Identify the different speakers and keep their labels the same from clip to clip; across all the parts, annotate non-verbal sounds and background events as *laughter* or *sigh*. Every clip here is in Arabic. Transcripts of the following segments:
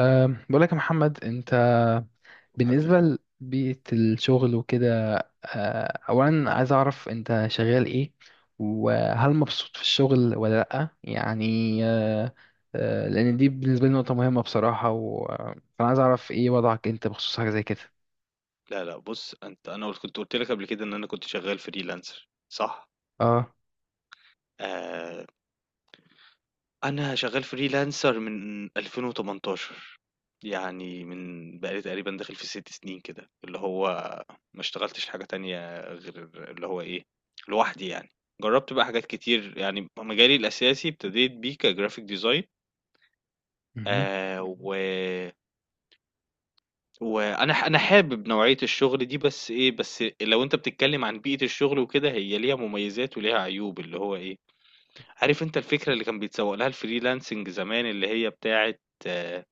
Speaker 1: بقول لك يا محمد انت
Speaker 2: حبيبي،
Speaker 1: بالنسبة لبيئة الشغل وكده. اولا عايز اعرف انت شغال ايه وهل مبسوط في الشغل ولا لأ يعني. أه، أه، لان دي بالنسبة لي نقطة مهمة بصراحة فانا عايز اعرف ايه وضعك انت بخصوص حاجة زي كده.
Speaker 2: لا لا، بُص أنت، أنا كنت قُلت لك قبل كده إن أنا كنت شغال freelancer، صح؟
Speaker 1: اه،
Speaker 2: آآ، أنا شغال freelancer من 2018، يعني من بقى لي تقريبًا داخل في 6 سنين كده، اللي هو ما اشتغلتش حاجة تانية غير اللي هو إيه، لوحدي يعني. جرّبت بقى حاجات كتير، يعني مجالي الأساسي ابتديت بيه كgraphic design.
Speaker 1: مهم.
Speaker 2: اهم. و وأنا ح أنا حابب نوعية الشغل دي، بس لو أنت بتتكلم عن بيئة الشغل وكده، هي ليها مميزات وليها عيوب، اللي هو إيه، عارف أنت الفكرة اللي كان بيتسوّق لها الfreelancing زمان، اللي هي بتاعة آه،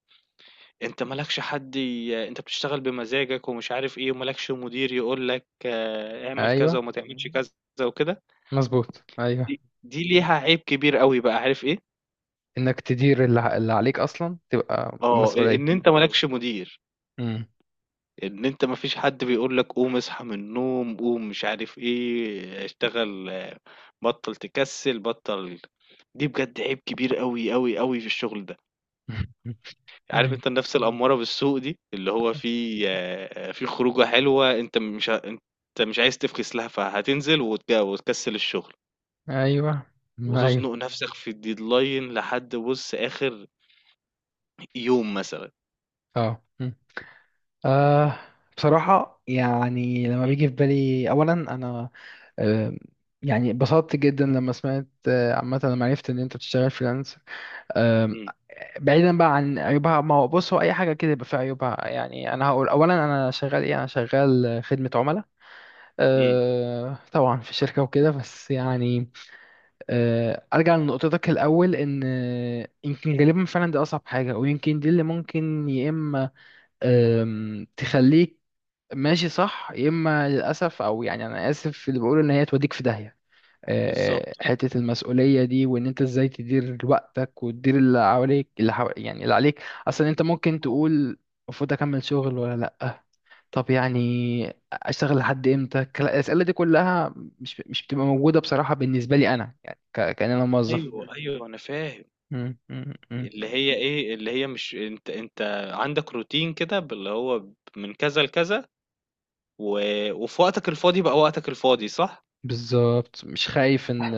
Speaker 2: أنت ما لكش حد أنت بتشتغل بمزاجك ومش عارف إيه، وما لكش مدير يقول لك اعمل كذا
Speaker 1: ايوه،
Speaker 2: وما تعملش كذا وكده.
Speaker 1: مظبوط ايوه،
Speaker 2: دي ليها عيب كبير أوي بقى، عارف إيه؟
Speaker 1: انك تدير اللي عليك اصلا تبقى
Speaker 2: إن
Speaker 1: مسؤولية.
Speaker 2: أنت ما لكش مدير.
Speaker 1: مم.
Speaker 2: إن أنت ما فيش حد بيقول لك قوم اصحى من النوم، قوم مش عارف إيه، اشتغل، بطّل تكسّل، دي بجد عيب كبير أوي، أوي، أوي في الشغل ده.
Speaker 1: *laughs*
Speaker 2: عارف
Speaker 1: ايوه
Speaker 2: أنت النَفْس الأمّارة بالسوء دي، اللي هو في خروجة حلوة، أنت مش عايز تفكس لها، فهتنزل وت وتكسّل الشغل،
Speaker 1: ايوه ايوه.
Speaker 2: وتزنُق نَفْسك في الdeadline لحد، بُص، آخر يوم مثلًا.
Speaker 1: اه، أه، بصراحة يعني لما بيجي في بالي أولا أنا، أه، يعني اتبسطت جدا لما سمعت، عامة لما عرفت إن أنت بتشتغل فريلانس. أه،
Speaker 2: إمم،
Speaker 1: بعيدا بقى عن عيوبها، ما هو بص هو أي حاجة كده يبقى فيها عيوبها. يعني أنا هقول أولا أنا شغال إيه، أنا شغال، خدمة عملاء.
Speaker 2: إمم،
Speaker 1: أه طبعا في شركة وكده بس يعني. أه، أرجع لنقطتك الأول، إن يمكن غالبا فعلا دي أصعب حاجة، ويمكن دي اللي ممكن يا إما، تخليك ماشي صح، يا اما للاسف، او يعني انا اسف في اللي بقوله، ان هي توديك في داهيه.
Speaker 2: بالضبط.
Speaker 1: حته المسؤوليه دي، وان انت ازاي تدير وقتك وتدير اللي حواليك اللي حو... يعني اللي عليك اصلا. انت ممكن تقول المفروض اكمل شغل ولا لا، طب يعني اشتغل لحد امتى، الاسئله دي كلها مش بتبقى موجوده بصراحه بالنسبه لي انا، يعني كان انا موظف.
Speaker 2: أيوه، أيوه، أنا فاهم. اللي هي إيه، اللي هي مش أنت عندك روتين كده اللي هو من كذا لكذا، و وفي وقتك الفاضي بقى وقتك الفاضي، صح؟
Speaker 1: بالظبط، مش خايف ان،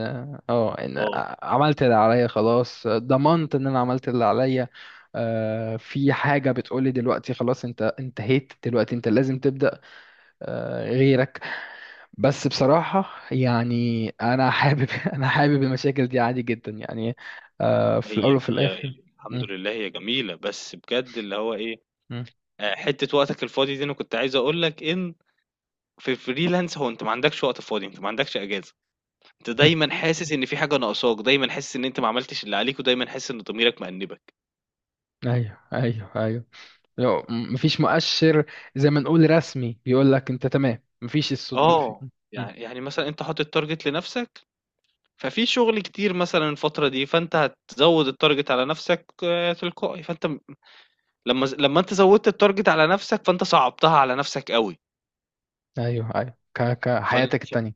Speaker 1: اه ان
Speaker 2: آه،
Speaker 1: عملت اللي عليا خلاص، ضمنت ان انا عملت اللي عليا. في حاجة بتقولي دلوقتي خلاص انت انتهيت، دلوقتي انت لازم تبدأ غيرك. بس بصراحة يعني انا حابب *laughs* انا حابب المشاكل دي عادي جدا يعني، في الاول
Speaker 2: هي
Speaker 1: وفي
Speaker 2: هي
Speaker 1: الاخر.
Speaker 2: هي. الحمد
Speaker 1: مم،
Speaker 2: لله هي جميلة، بس بجد اللي هو إيه،
Speaker 1: مم،
Speaker 2: حتّة وقتك الفاضي دي أنا كنت عايز أقول لك إن في الfreelance هو أنت ما عندكش وقت فاضي، أنت ما عندكش إجازة، أنت
Speaker 1: مم.
Speaker 2: دايمًا حاسس إن في حاجة ناقصاك، دايمًا حاسس إن أنت ما عملتش اللي عليك، ودايمًا حاسس إن ضميرك مأنبك.
Speaker 1: ايوه ايوه ايوه. لو مفيش مؤشر زي ما نقول رسمي بيقول لك انت تمام، مفيش الصوت مفيش.
Speaker 2: آه، يعني مثلًا أنت حاطط target لنفسك، ففي شغل كتير مثلًا الفترة دي، فأنت هتزوّد الtarget على نَفْسك تلقائي، فأنت م لمّا أنت زوّدت الtarget على نَفْسك، فأنت صعّبتها على نَفْسك أوي.
Speaker 1: ايوه ايوه،
Speaker 2: فال
Speaker 1: كحياتك
Speaker 2: ف
Speaker 1: التانية.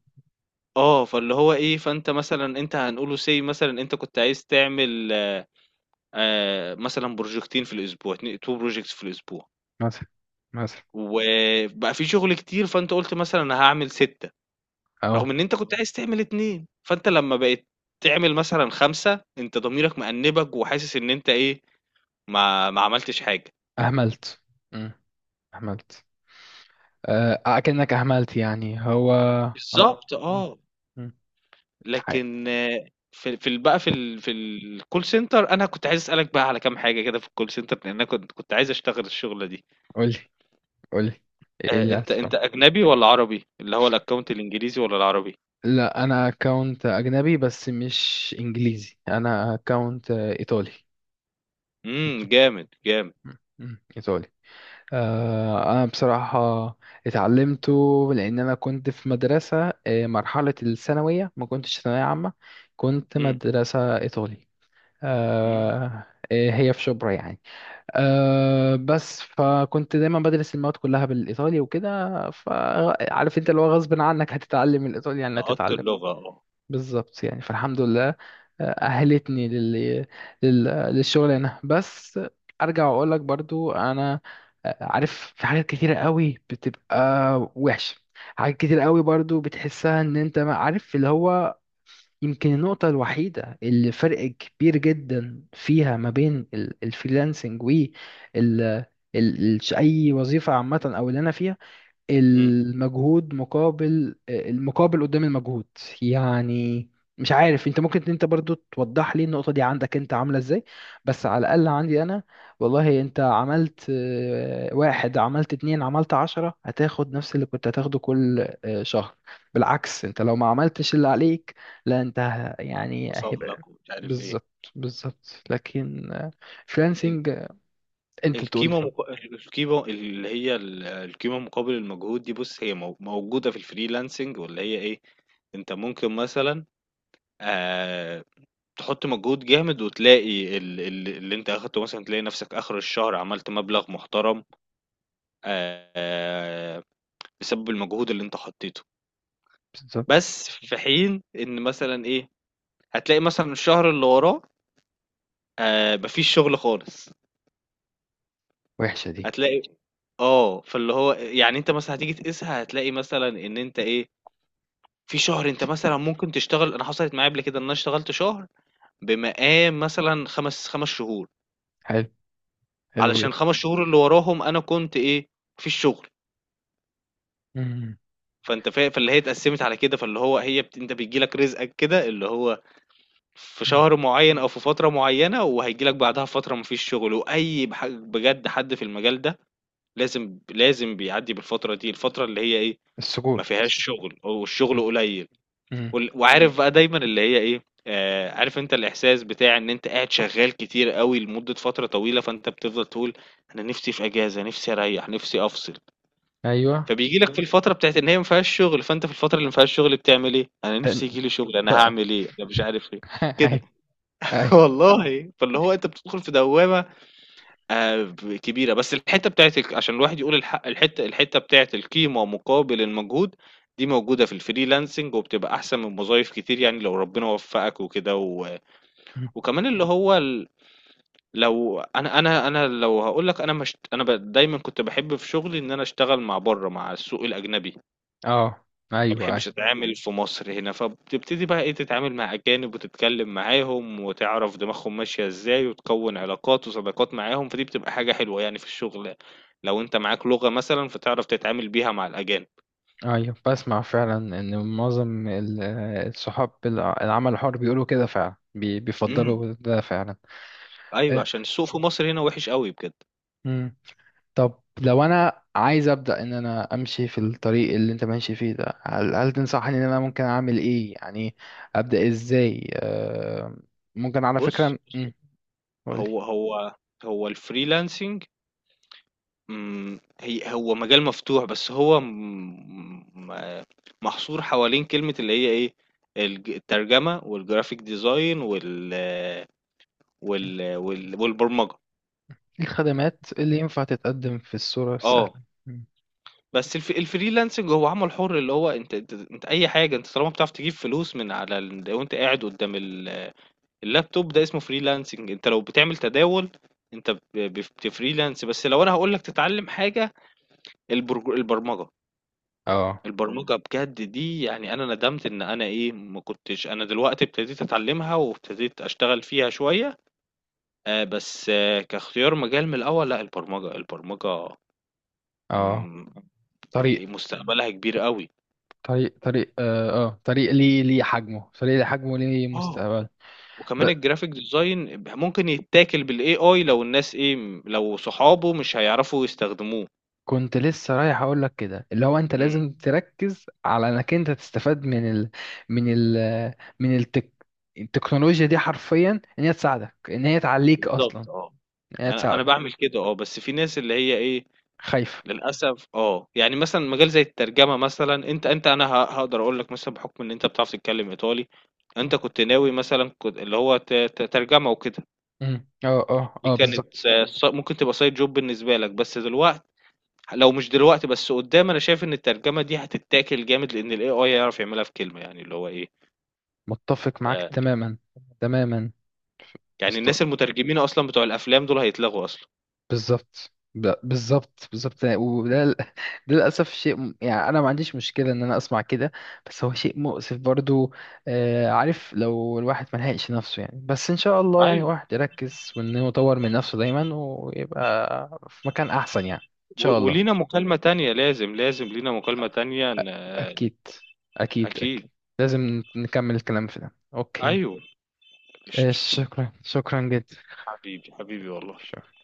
Speaker 2: آه، فاللي هو إيه، فأنت مثلًا هنقوله say مثلًا أنت كنت عايز تعمل مثلًا بروجيكتين في الأسبوع، 2 projects في الأسبوع،
Speaker 1: مثلا، مثلا.
Speaker 2: وبقى في شغل كتير، فأنت قُلت مثلًا أنا هاعمل 6، رغم
Speaker 1: اه،
Speaker 2: إن أنت كنت عايز تعمل 2. فأنت لمّا بقيت تعمل مثلًا 5، أنت ضميرك مأنِّبك وحاسس إن أنت إيه، ما عملتش حاجة.
Speaker 1: اهملت. مم. اهملت، اكنك اهملت يعني هو. أو...
Speaker 2: بالضبط
Speaker 1: مم.
Speaker 2: آه.
Speaker 1: مم. حي-
Speaker 2: لكن، في في ال بقى في ال في الcall center أنا كنت عايز أسألك بقى على كام حاجة كده في الcall center، لأن أنا كنت عايز أشتغل الشغلة دي.
Speaker 1: قولي، قولي، ايه اللي
Speaker 2: أنت
Speaker 1: اسفه.
Speaker 2: أنت أجنبي والّا عربي؟ اللي هو الaccount الإنجليزي والّا العربي؟
Speaker 1: لا انا اكونت اجنبي بس مش انجليزي، انا اكونت ايطالي. إيط-
Speaker 2: إمم، جامد، جامد.
Speaker 1: مم. مم. ايطالي. آه، أنا بصراحة اتعلمته لأن أنا كنت في مدرسة، مرحلة الثانوية ما كنتش ثانوية عامة، كنت
Speaker 2: إمم،
Speaker 1: مدرسة إيطالي.
Speaker 2: إمم،
Speaker 1: آه، آه، هي في شبرا يعني. آه، بس فكنت دايما بدرس المواد كلها بالإيطالي وكده، فعارف أنت اللي هو غصب عنك هتتعلم الإيطالي، يعني
Speaker 2: لقطت
Speaker 1: هتتعلم.
Speaker 2: اللغة.
Speaker 1: بالظبط يعني، فالحمد لله، أهلتني للشغل هنا. بس أرجع وأقول لك برضو أنا، عارف في حاجات كتيرة قوي بتبقى وحشة، حاجات كتير قوي برضو بتحسها إن أنت ما عارف اللي هو. يمكن النقطة الوحيدة اللي فرق كبير جدا فيها ما بين الفريلانسنج و ال... أي وظيفة عامة أو اللي أنا فيها،
Speaker 2: إمم.
Speaker 1: المجهود مقابل، المقابل قدام المجهود يعني. مش عارف انت ممكن انت برضو توضح لي النقطة دي، عندك انت عاملة ازاي، بس على الأقل عندي انا، والله انت عملت واحد، عملت اتنين، عملت عشرة، هتاخد نفس اللي كنت هتاخده كل شهر. بالعكس انت لو ما عملتش اللي عليك، لا انت يعني هيبقى.
Speaker 2: وصاملك ومش عارف إيه.
Speaker 1: بالظبط بالظبط، لكن فريلانسنج، آه، انت تقول لي
Speaker 2: القيمة
Speaker 1: طب.
Speaker 2: مق... القيمة اللي هي ال- القيمة مقابل المجهود دي، بُص، هي موجودة في الfreelancing، واللي هي إيه، أنت ممكن مثلًا، آآ، تحط مجهود جامد وتلاقي ال اللي أنت أخدته، مثلًا تلاقي نفسك آخر الشهر عملت مبلغ محترم، آآ، بسبب المجهود اللي أنت حطيته.
Speaker 1: بالظبط،
Speaker 2: بس في حين إن مثلًا إيه، هتلاقي مثلًا الشهر اللي وراه ما فيش شغل خالص،
Speaker 1: وحشة دي.
Speaker 2: هتلاقي، فاللي هو يعني أنت مثلًا هتيجي تقيسها، هتلاقي مثلًا إن أنت إيه، في شهر أنت مثلًا ممكن تشتغل. أنا حصلت معايا قبل كده إن أنا اشتغلت شهر بمقام مثلًا 5 شهور،
Speaker 1: حلو، حلو
Speaker 2: علشان ال5 شهور اللي وراهم أنا كنت إيه، ما فيش شغل.
Speaker 1: جدا.
Speaker 2: فأنت فا فاللي هي اتقسّمت على كده، فاللي هو هي بت، أنت بييجي لك رزقك كده، اللي هو في
Speaker 1: مم.
Speaker 2: شهر معيّن أو في فترة معيّنة، وهييجي لك بعدها فترة ما فيش شغل، وأي بح بجد حد في المجال ده لازم، لازم بيعدّي بالفترة دي، الفترة اللي هي إيه، ما
Speaker 1: السكوت.
Speaker 2: فيهاش شغل والشغل
Speaker 1: مم.
Speaker 2: قليل.
Speaker 1: مم.
Speaker 2: وعارف بقى دايما اللي هي ايه، عارف انت الاحساس بتاع ان انت قاعد شغال كتير قوي لمدة فترة طويلة، فانت بتفضل تقول انا نفسي في اجازة، نفسي اريح نفسي افصل.
Speaker 1: ايوه.
Speaker 2: فبيجي لك في الفترة بتاعت ان هي ما فيهاش شغل، فانت في الفترة اللي ما فيهاش شغل بتعمل ايه؟ انا نفسي
Speaker 1: ده-،
Speaker 2: يجي لي شغل، انا
Speaker 1: ده-،
Speaker 2: هعمل ايه، انا مش عارف ايه
Speaker 1: *laughs*
Speaker 2: كده.
Speaker 1: ايوه.
Speaker 2: *laughs*
Speaker 1: ايوه.
Speaker 2: والله فاللي هو انت بتدخل في دوامة ب كبيرة. بس الحتّة بتاعة عشان الواحد يقول الحق، الحتّة بتاعة القيمة مقابل المجهود، دي موجودة في الfreelancing، وبتبقى أحسن من وظايف كتير، يعني لو ربنا وفّقك وكده. و
Speaker 1: مم.
Speaker 2: وكمان اللي هو ال لو هاقول لك، أنا ما اشت أنا ب دايمًا كنت باحب في شغلي إن أنا أشتغل مع برّه، مع السوق الأجنبي.
Speaker 1: اه.
Speaker 2: ما
Speaker 1: ايوه
Speaker 2: باحبش
Speaker 1: ايوه
Speaker 2: أتعامل في مصر هنا، فبتبتدي بقى إيه، تتعامل مع أجانب وتتكلّم معاهم وتعرف دماغهم ماشية إزاي، وتكوّن علاقات وصداقات معاهم، فدي بتبقى حاجة حلوة يعني في الشغل، يعني. لو أنت معاك لغة مثلًا، فتعرف تتعامل بيها مع الأجانب.
Speaker 1: ايوه، بسمع فعلا ان معظم الصحاب العمل الحر بيقولوا كده فعلا،
Speaker 2: إمم،
Speaker 1: بيفضلوا ده فعلا.
Speaker 2: أيوه،
Speaker 1: إيه.
Speaker 2: عشان السوق في مصر هنا وِحِش أوي بجد.
Speaker 1: مم. طب لو انا عايز ابدا ان انا امشي في الطريق اللي انت ماشي فيه ده، هل، هل تنصحني ان انا ممكن اعمل ايه يعني، ابدا ازاي؟ ممكن على
Speaker 2: بُص،
Speaker 1: فكره. مم. قولي.
Speaker 2: هو هو هو الfreelancing، هو مجال مفتوح، بس هو م م محصور حوالين كلمة اللي هي إيه، الترجمة والgraphic design والبرمجة.
Speaker 1: الخدمات اللي ينفع تتقدم في الصورة السهلة.
Speaker 2: آه،
Speaker 1: مم.
Speaker 2: بس الfreelancing هو عمل حُر، اللي هو أنت، أنت أي حاجة، أنت طالما بتعرف تجيب فلوس من على وأنت قاعد قدّام اللابتوب ده، اسمه freelancing. أنت لو بتعمل تداول، أنت ب بف بتfreelance. بس لو أنا هاقول لك تتعلم حاجة، البرمجة.
Speaker 1: اه
Speaker 2: البرمجة بجد دي، يعني أنا ندمت إن أنا إيه، ما كنتش. أنا دلوقتي ابتديت أتعلمها وابتديت أشتغل فيها شوية، بس كاختيار مجال من الأول، لا، البرمجة البرمجة.
Speaker 1: اه.
Speaker 2: مم،
Speaker 1: طريق،
Speaker 2: مستقبلها كبير قوي.
Speaker 1: طريق، طريق، اه، طريق ليه، ليه حجمه، طريق ليه حجمه، ليه
Speaker 2: اه،
Speaker 1: مستقبل. ب...
Speaker 2: وكمان الجرافيك ديزاين ممكن يتاكل بالاي اي لو الناس ايه، لو صحابه مش هيعرفوا يستخدموه.
Speaker 1: كنت لسه رايح اقول لك كده، اللي هو انت
Speaker 2: امم،
Speaker 1: لازم تركز على انك انت تستفاد من من ال... من التك... التكنولوجيا دي حرفيا، ان هي تساعدك، ان هي تعليك اصلا،
Speaker 2: بالظبط. اه،
Speaker 1: ان هي
Speaker 2: انا
Speaker 1: تساعدك.
Speaker 2: بعمل كده. اه، بس في ناس اللي هي ايه،
Speaker 1: خايف.
Speaker 2: للأسف، يعني مثلًا مجال زي الترجمة مثلًا، أنت أنت أنا ه هاقدر أقول لك مثلًا، بحكم إن أنت بتعرف تتكلم إيطالي، أنت كنت ناوي مثلًا، كنت اللي هو ت ت ترجمة وكده،
Speaker 1: مم. اه اه
Speaker 2: دي
Speaker 1: اه،
Speaker 2: كانت
Speaker 1: بالظبط،
Speaker 2: س- ص ممكن تبقى side job بالنسبة لك. بس لو مش دلوقتي، بس قدّام أنا شايف إن الترجمة دي هتتاكل جامد، لإن الAI هيعرف يعملها في كلمة، يعني اللي هو إيه،
Speaker 1: متفق معاك
Speaker 2: آآ،
Speaker 1: تماما، تماما.
Speaker 2: يعني الناس المترجمين أصلًا بتوع الأفلام دول هيتلغوا أصلًا.
Speaker 1: بالظبط، بالظبط بالظبط يعني، وده *laughs* ده للأسف شيء يعني أنا ما عنديش مشكلة إن أنا أسمع كده، بس هو شيء مؤسف برضو. عارف لو الواحد ما لحقش نفسه يعني، بس إن شاء الله يعني
Speaker 2: أيوه،
Speaker 1: الواحد يركز وإن هو يطور من نفسه دايما، ويبقى في مكان أحسن يعني إن
Speaker 2: و
Speaker 1: شاء الله.
Speaker 2: ولينا مكالمة تانية لازم، لازم لينا مكالمة تانية
Speaker 1: أكيد، أكيد أكيد،
Speaker 2: أكيد،
Speaker 1: لازم نكمل الكلام في ده. أوكي،
Speaker 2: أيوه، قشطة.
Speaker 1: شكرا، شكرا جدا.
Speaker 2: حبيبي حبيبي والله